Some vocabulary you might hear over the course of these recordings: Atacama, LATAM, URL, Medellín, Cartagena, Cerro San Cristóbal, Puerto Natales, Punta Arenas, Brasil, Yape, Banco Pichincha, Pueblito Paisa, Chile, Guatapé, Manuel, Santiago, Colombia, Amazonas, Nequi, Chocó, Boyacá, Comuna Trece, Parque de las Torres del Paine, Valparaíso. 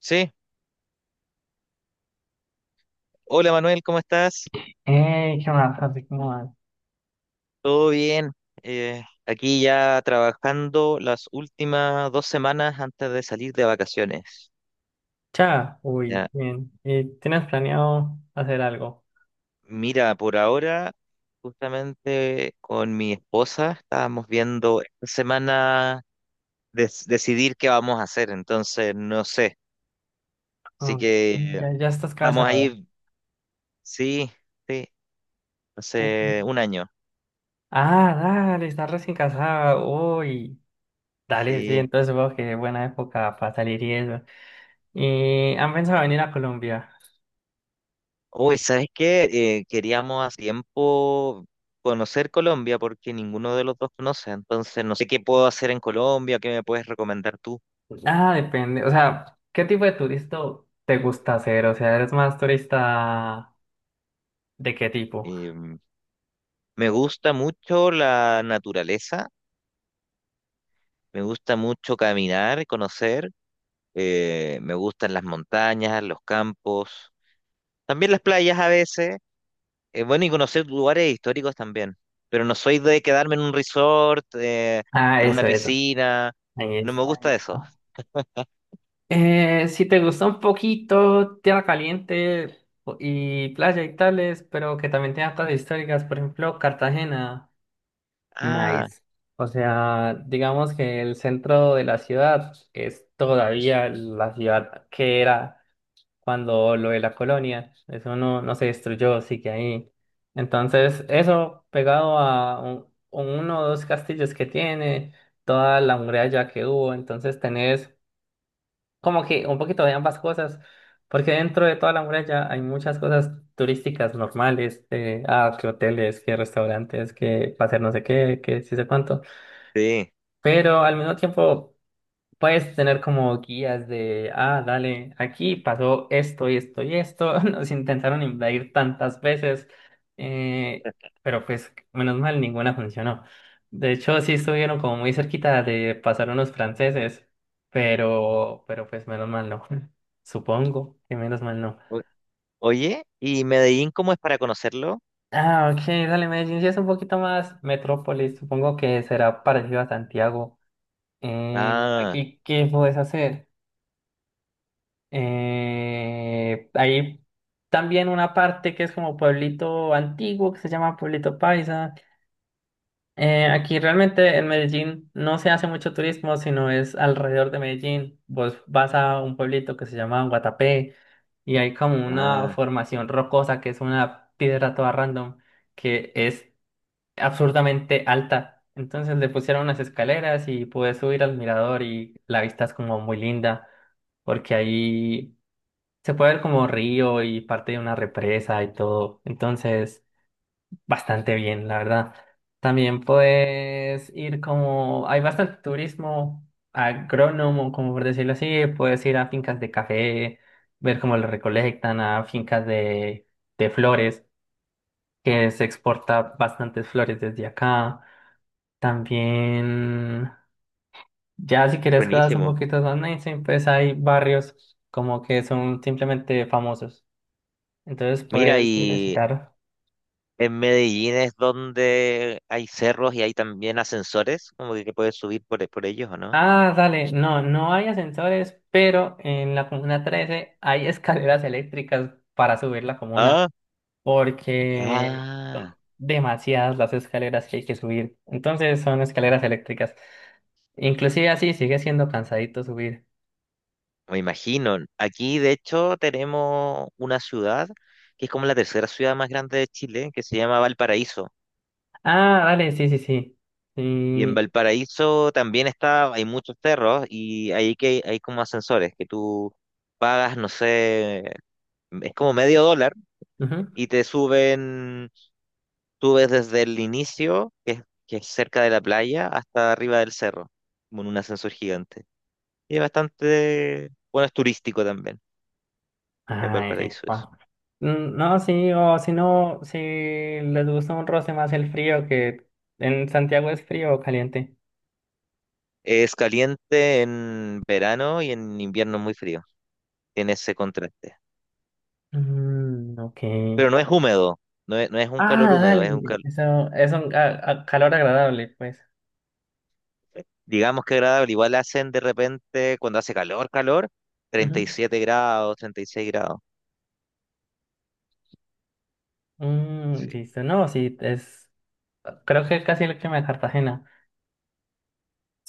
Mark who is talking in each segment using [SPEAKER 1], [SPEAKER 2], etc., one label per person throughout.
[SPEAKER 1] Sí, hola Manuel, ¿cómo estás?
[SPEAKER 2] ¿Qué más? Así como más.
[SPEAKER 1] ¿Todo bien? Aquí ya trabajando las últimas dos semanas antes de salir de vacaciones.
[SPEAKER 2] Ya, uy,
[SPEAKER 1] Ya,
[SPEAKER 2] bien. ¿Y tienes planeado hacer algo?
[SPEAKER 1] mira, por ahora, justamente con mi esposa estábamos viendo esta semana decidir qué vamos a hacer, entonces no sé. Así
[SPEAKER 2] Ah,
[SPEAKER 1] que
[SPEAKER 2] ya, ya estás
[SPEAKER 1] estamos
[SPEAKER 2] casado.
[SPEAKER 1] ahí, sí, sí, hace
[SPEAKER 2] Ujú.
[SPEAKER 1] un año.
[SPEAKER 2] Ah, dale, estás recién casada. Uy, dale, sí,
[SPEAKER 1] Sí.
[SPEAKER 2] entonces supongo que buena época para salir y eso. ¿Y han pensado venir a Colombia?
[SPEAKER 1] Uy, ¿sabes qué? Queríamos hace tiempo conocer Colombia porque ninguno de los dos conoce, entonces no sé qué puedo hacer en Colombia, qué me puedes recomendar tú.
[SPEAKER 2] Ah, depende. O sea, ¿qué tipo de turista te gusta hacer? O sea, ¿eres más turista de qué tipo?
[SPEAKER 1] Em, Me gusta mucho la naturaleza, me gusta mucho caminar y conocer, me gustan las montañas, los campos, también las playas a veces, bueno, y conocer lugares históricos también, pero no soy de quedarme en un resort,
[SPEAKER 2] Ah,
[SPEAKER 1] en una
[SPEAKER 2] eso, eso.
[SPEAKER 1] piscina,
[SPEAKER 2] Ahí
[SPEAKER 1] no me
[SPEAKER 2] está.
[SPEAKER 1] gusta eso.
[SPEAKER 2] Si te gusta un poquito tierra caliente y playa y tales, pero que también tenga cosas históricas, por ejemplo, Cartagena,
[SPEAKER 1] Ah,
[SPEAKER 2] nice. O sea, digamos que el centro de la ciudad es todavía la ciudad que era cuando lo de la colonia, eso no, no se destruyó, sigue ahí. Entonces, eso pegado a uno o dos castillos que tiene, toda la muralla que hubo, entonces tenés como que un poquito de ambas cosas, porque dentro de toda la muralla hay muchas cosas turísticas normales, que hoteles, que restaurantes, que hacer no sé qué, que sí sé cuánto,
[SPEAKER 1] sí.
[SPEAKER 2] pero al mismo tiempo... Puedes tener como guías de, ah, dale, aquí pasó esto y esto y esto, nos intentaron invadir tantas veces, eh, pero pues menos mal ninguna funcionó. De hecho, sí estuvieron como muy cerquita de pasar unos franceses, pero, pues menos mal no. Supongo que menos mal no.
[SPEAKER 1] O- Oye, ¿y Medellín cómo es para conocerlo?
[SPEAKER 2] Ah, ok, dale, Medellín sí es un poquito más metrópolis, supongo que será parecido a Santiago.
[SPEAKER 1] Ah,
[SPEAKER 2] Aquí, ¿qué puedes hacer? Hay también una parte que es como pueblito antiguo, que se llama Pueblito Paisa. Aquí realmente en Medellín no se hace mucho turismo, sino es alrededor de Medellín. Vos vas a un pueblito que se llama Guatapé y hay como una
[SPEAKER 1] ah,
[SPEAKER 2] formación rocosa que es una piedra toda random que es absurdamente alta. Entonces le pusieron unas escaleras y pude subir al mirador y la vista es como muy linda porque ahí se puede ver como río y parte de una represa y todo. Entonces, bastante bien, la verdad. También puedes ir como, hay bastante turismo agrónomo, como por decirlo así. Puedes ir a fincas de café, ver cómo lo recolectan, a fincas de flores, que se exporta bastantes flores desde acá. También, ya si quieres cosas un
[SPEAKER 1] buenísimo.
[SPEAKER 2] poquito más mainstream, pues hay barrios como que son simplemente famosos. Entonces
[SPEAKER 1] Mira,
[SPEAKER 2] puedes ir a
[SPEAKER 1] y
[SPEAKER 2] visitar.
[SPEAKER 1] en Medellín es donde hay cerros y hay también ascensores, como que puedes subir por ellos, ¿o no?
[SPEAKER 2] Ah, dale, no, no hay ascensores, pero en la comuna 13 hay escaleras eléctricas para subir la comuna,
[SPEAKER 1] Ah,
[SPEAKER 2] porque
[SPEAKER 1] ah,
[SPEAKER 2] son demasiadas las escaleras que hay que subir. Entonces son escaleras eléctricas. Inclusive así sigue siendo cansadito subir.
[SPEAKER 1] me imagino. Aquí, de hecho, tenemos una ciudad que es como la tercera ciudad más grande de Chile, que se llama Valparaíso.
[SPEAKER 2] Ah, dale, sí, sí, sí.
[SPEAKER 1] Y en
[SPEAKER 2] Sí.
[SPEAKER 1] Valparaíso también está, hay muchos cerros y ahí que hay como ascensores que tú pagas, no sé, es como medio dólar
[SPEAKER 2] Ujú.
[SPEAKER 1] y te suben, subes desde el inicio, que es cerca de la playa, hasta arriba del cerro, con un ascensor gigante. Y es bastante, bueno, es turístico también en
[SPEAKER 2] Ay,
[SPEAKER 1] Valparaíso eso.
[SPEAKER 2] epa. Mm, no, sí, o si no, si les gusta un roce más el frío, que en Santiago es frío o caliente.
[SPEAKER 1] Es caliente en verano y en invierno es muy frío, tiene ese contraste.
[SPEAKER 2] Mm, ok.
[SPEAKER 1] Pero no es húmedo, no es, no es un
[SPEAKER 2] Ah,
[SPEAKER 1] calor húmedo, es un
[SPEAKER 2] dale.
[SPEAKER 1] calor,
[SPEAKER 2] Eso es un calor agradable, pues.
[SPEAKER 1] digamos que agradable. Igual hacen de repente, cuando hace calor, calor, treinta y
[SPEAKER 2] Ujú.
[SPEAKER 1] siete grados, 36 grados.
[SPEAKER 2] Mm,
[SPEAKER 1] Sí.
[SPEAKER 2] listo. No, sí, es. Creo que es casi lo que me da Cartagena.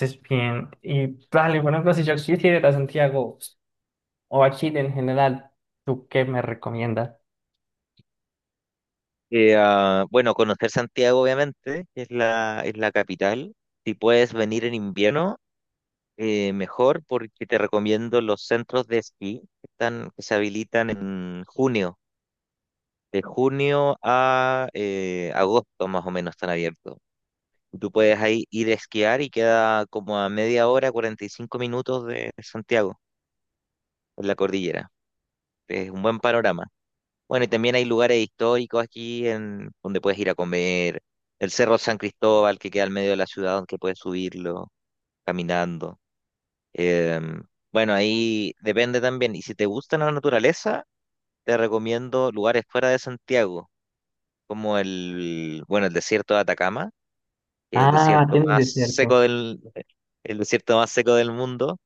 [SPEAKER 2] Es bien. Y dale, por ejemplo, si yo quisiera ir a Santiago o a Chile en general, ¿tú qué me recomiendas?
[SPEAKER 1] Bueno, conocer Santiago, obviamente, que es la capital. Si puedes venir en invierno, mejor, porque te recomiendo los centros de esquí que están, que se habilitan en junio. De junio a agosto, más o menos, están abiertos. Tú puedes ahí ir a esquiar y queda como a media hora, 45 minutos de Santiago, en la cordillera. Es un buen panorama. Bueno, y también hay lugares históricos aquí, en donde puedes ir a comer. El Cerro San Cristóbal, que queda al medio de la ciudad, donde puedes subirlo caminando. Em, bueno, ahí depende también. Y si te gusta la naturaleza, te recomiendo lugares fuera de Santiago, como el, bueno, el desierto de Atacama, que es
[SPEAKER 2] Ah, tienes desierto.
[SPEAKER 1] el desierto más seco del mundo.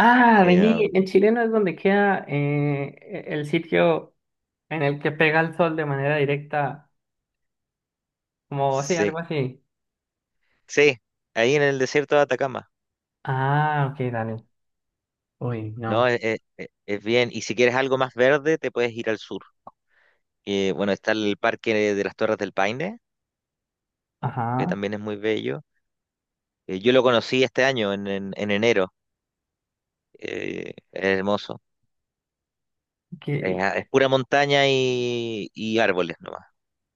[SPEAKER 2] Ah,
[SPEAKER 1] Eh,
[SPEAKER 2] vení, en Chile no es donde queda el sitio en el que pega el sol de manera directa, como sí,
[SPEAKER 1] sí,
[SPEAKER 2] algo así.
[SPEAKER 1] sí, ahí en el desierto de Atacama.
[SPEAKER 2] Ah, ok, dale. Uy,
[SPEAKER 1] No,
[SPEAKER 2] no.
[SPEAKER 1] es, es bien. Y si quieres algo más verde, te puedes ir al sur. Bueno, está el Parque de las Torres del Paine, que
[SPEAKER 2] Ajá,
[SPEAKER 1] también es muy bello. Yo lo conocí este año, en, en enero. Es hermoso.
[SPEAKER 2] que,
[SPEAKER 1] Es pura montaña y árboles nomás.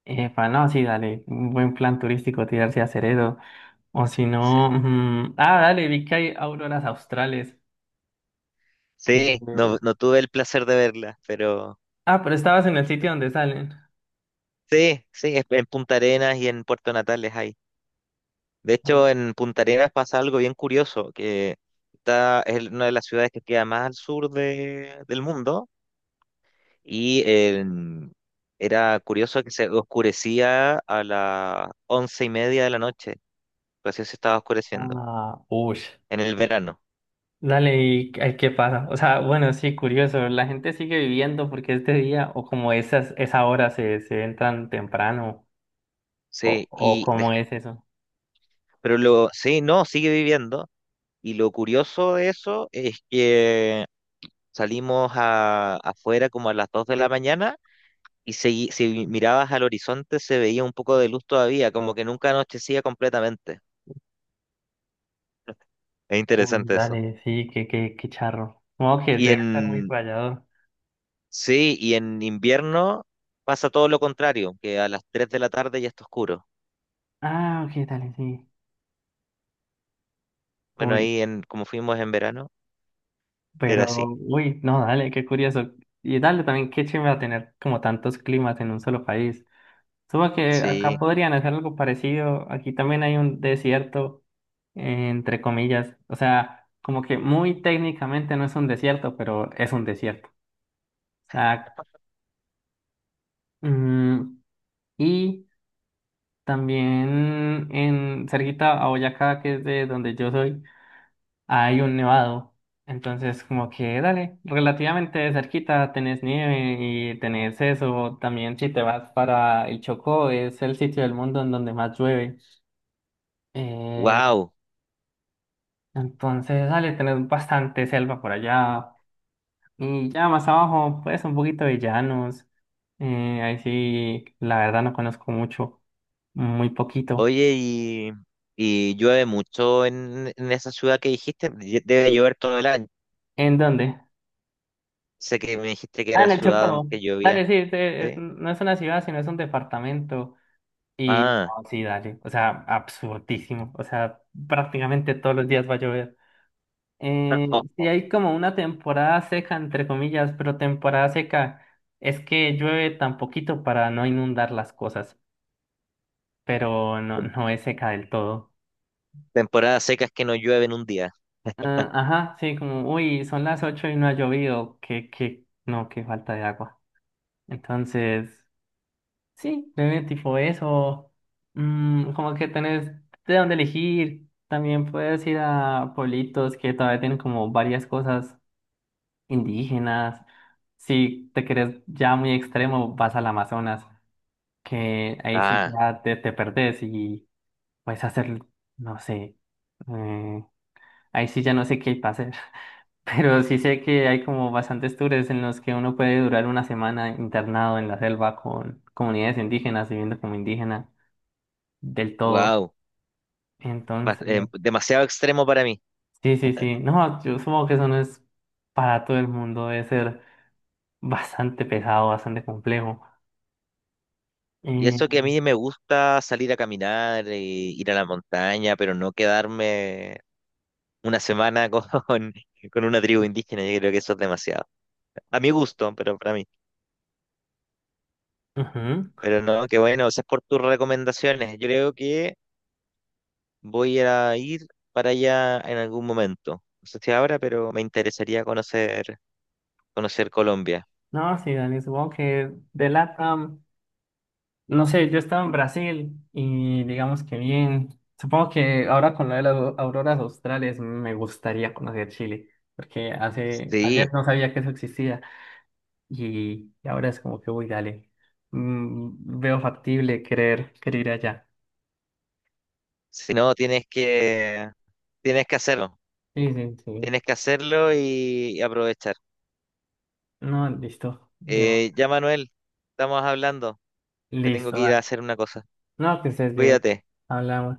[SPEAKER 2] epa, no, sí, dale, un buen plan turístico tirarse a Ceredo, o si
[SPEAKER 1] Sí.
[SPEAKER 2] no, mm, ah, dale, vi que hay auroras australes, que,
[SPEAKER 1] Sí, no, no tuve el placer de verla, pero
[SPEAKER 2] ah, pero estabas en el sitio donde salen,
[SPEAKER 1] sí, sí, en Punta Arenas y en Puerto Natales hay. De hecho, en Punta Arenas pasa algo bien curioso, que está, es una de las ciudades que queda más al sur del mundo. Y era curioso que se oscurecía a las 11:30 de la noche. Recién se estaba oscureciendo.
[SPEAKER 2] ah, ush,
[SPEAKER 1] En el verano.
[SPEAKER 2] dale, y ay, qué pasa, o sea, bueno, sí, curioso, la gente sigue viviendo porque este día, o como esas, esa hora se, se entran temprano,
[SPEAKER 1] Sí,
[SPEAKER 2] o
[SPEAKER 1] y
[SPEAKER 2] cómo es eso,
[SPEAKER 1] pero sí, no, sigue viviendo. Y lo curioso de eso es que salimos afuera como a las 2 de la mañana y si mirabas al horizonte se veía un poco de luz todavía, como que nunca anochecía completamente. Es
[SPEAKER 2] uy,
[SPEAKER 1] interesante eso.
[SPEAKER 2] dale, sí, qué, qué, qué charro, como que
[SPEAKER 1] Y
[SPEAKER 2] debe estar muy
[SPEAKER 1] en
[SPEAKER 2] fallado.
[SPEAKER 1] Sí, y en invierno pasa todo lo contrario, que a las 3 de la tarde ya está oscuro.
[SPEAKER 2] Ah, ok, dale, sí.
[SPEAKER 1] Bueno,
[SPEAKER 2] Uy,
[SPEAKER 1] ahí, en como fuimos en verano, era
[SPEAKER 2] pero,
[SPEAKER 1] así.
[SPEAKER 2] uy, no, dale, qué curioso. Y dale también, qué chévere va a tener como tantos climas en un solo país. Supongo que acá
[SPEAKER 1] Sí,
[SPEAKER 2] podrían hacer algo parecido. Aquí también hay un desierto, entre comillas. O sea, como que muy técnicamente no es un desierto, pero es un desierto. O sea, mm, y también en cerquita a Boyacá, que es de donde yo soy. Hay un nevado. Entonces, como que dale, relativamente cerquita tenés nieve y tenés eso. También si te vas para el Chocó, es el sitio del mundo en donde más llueve. Eh,
[SPEAKER 1] wow.
[SPEAKER 2] entonces, dale, tenés bastante selva por allá. Y ya más abajo, pues un poquito de llanos. Ahí sí, la verdad no conozco mucho, muy poquito.
[SPEAKER 1] Oye, y llueve mucho en esa ciudad que dijiste. Debe llover todo el año.
[SPEAKER 2] ¿En dónde?
[SPEAKER 1] Sé que me dijiste que
[SPEAKER 2] Ah,
[SPEAKER 1] era
[SPEAKER 2] en el
[SPEAKER 1] ciudad donde
[SPEAKER 2] Chocó.
[SPEAKER 1] que llovía.
[SPEAKER 2] Dale, sí,
[SPEAKER 1] Sí.
[SPEAKER 2] no es una ciudad, sino es un departamento. Y
[SPEAKER 1] Ah,
[SPEAKER 2] oh, sí, dale, o sea, absurdísimo, o sea, prácticamente todos los días va a llover. Sí hay como una temporada seca, entre comillas, pero temporada seca es que llueve tan poquito para no inundar las cosas, pero no,
[SPEAKER 1] Tem-
[SPEAKER 2] no es seca del todo.
[SPEAKER 1] temporadas secas que no llueve en un día.
[SPEAKER 2] Ah, ajá, sí, como, uy, son las 8 y no ha llovido, que, no, qué falta de agua. Entonces... Sí, tenés tipo eso, mm, como que tenés de dónde elegir. También puedes ir a pueblitos que todavía tienen como varias cosas indígenas. Si te querés ya muy extremo, vas al Amazonas, que ahí sí
[SPEAKER 1] Ah,
[SPEAKER 2] ya te perdés y puedes hacer, no sé, eh, ahí sí ya no sé qué hay para hacer. Pero sí sé que hay como bastantes tours en los que uno puede durar una semana internado en la selva con comunidades indígenas, viviendo como indígena del todo.
[SPEAKER 1] wow.
[SPEAKER 2] Entonces,
[SPEAKER 1] Demasiado extremo para mí.
[SPEAKER 2] sí, sí, sí. No, yo supongo que eso no es para todo el mundo, debe ser bastante pesado, bastante complejo.
[SPEAKER 1] Y eso que a
[SPEAKER 2] Eh,
[SPEAKER 1] mí me gusta salir a caminar, e ir a la montaña, pero no quedarme una semana con, con una tribu indígena, yo creo que eso es demasiado. A mi gusto, pero para mí.
[SPEAKER 2] ujú.
[SPEAKER 1] Pero no, qué bueno, gracias por tus recomendaciones. Yo creo que voy a ir para allá en algún momento. No sé si ahora, pero me interesaría conocer, conocer Colombia.
[SPEAKER 2] No, sí, Dani, supongo que de LATAM, no sé, yo estaba en Brasil y digamos que bien. Supongo que ahora con lo de las auroras australes me gustaría conocer Chile, porque hace, ayer
[SPEAKER 1] Sí,
[SPEAKER 2] no sabía que eso existía y ahora es como que, uy, dale, mm, veo factible querer, querer ir allá.
[SPEAKER 1] si no, tienes que hacerlo.
[SPEAKER 2] Sí, sí, sí.
[SPEAKER 1] Tienes que hacerlo y aprovechar.
[SPEAKER 2] No, listo. Demo.
[SPEAKER 1] Ya, Manuel, estamos hablando. Me tengo
[SPEAKER 2] Listo,
[SPEAKER 1] que ir a
[SPEAKER 2] dale.
[SPEAKER 1] hacer una cosa.
[SPEAKER 2] No, que estés bien.
[SPEAKER 1] Cuídate.
[SPEAKER 2] Hablamos.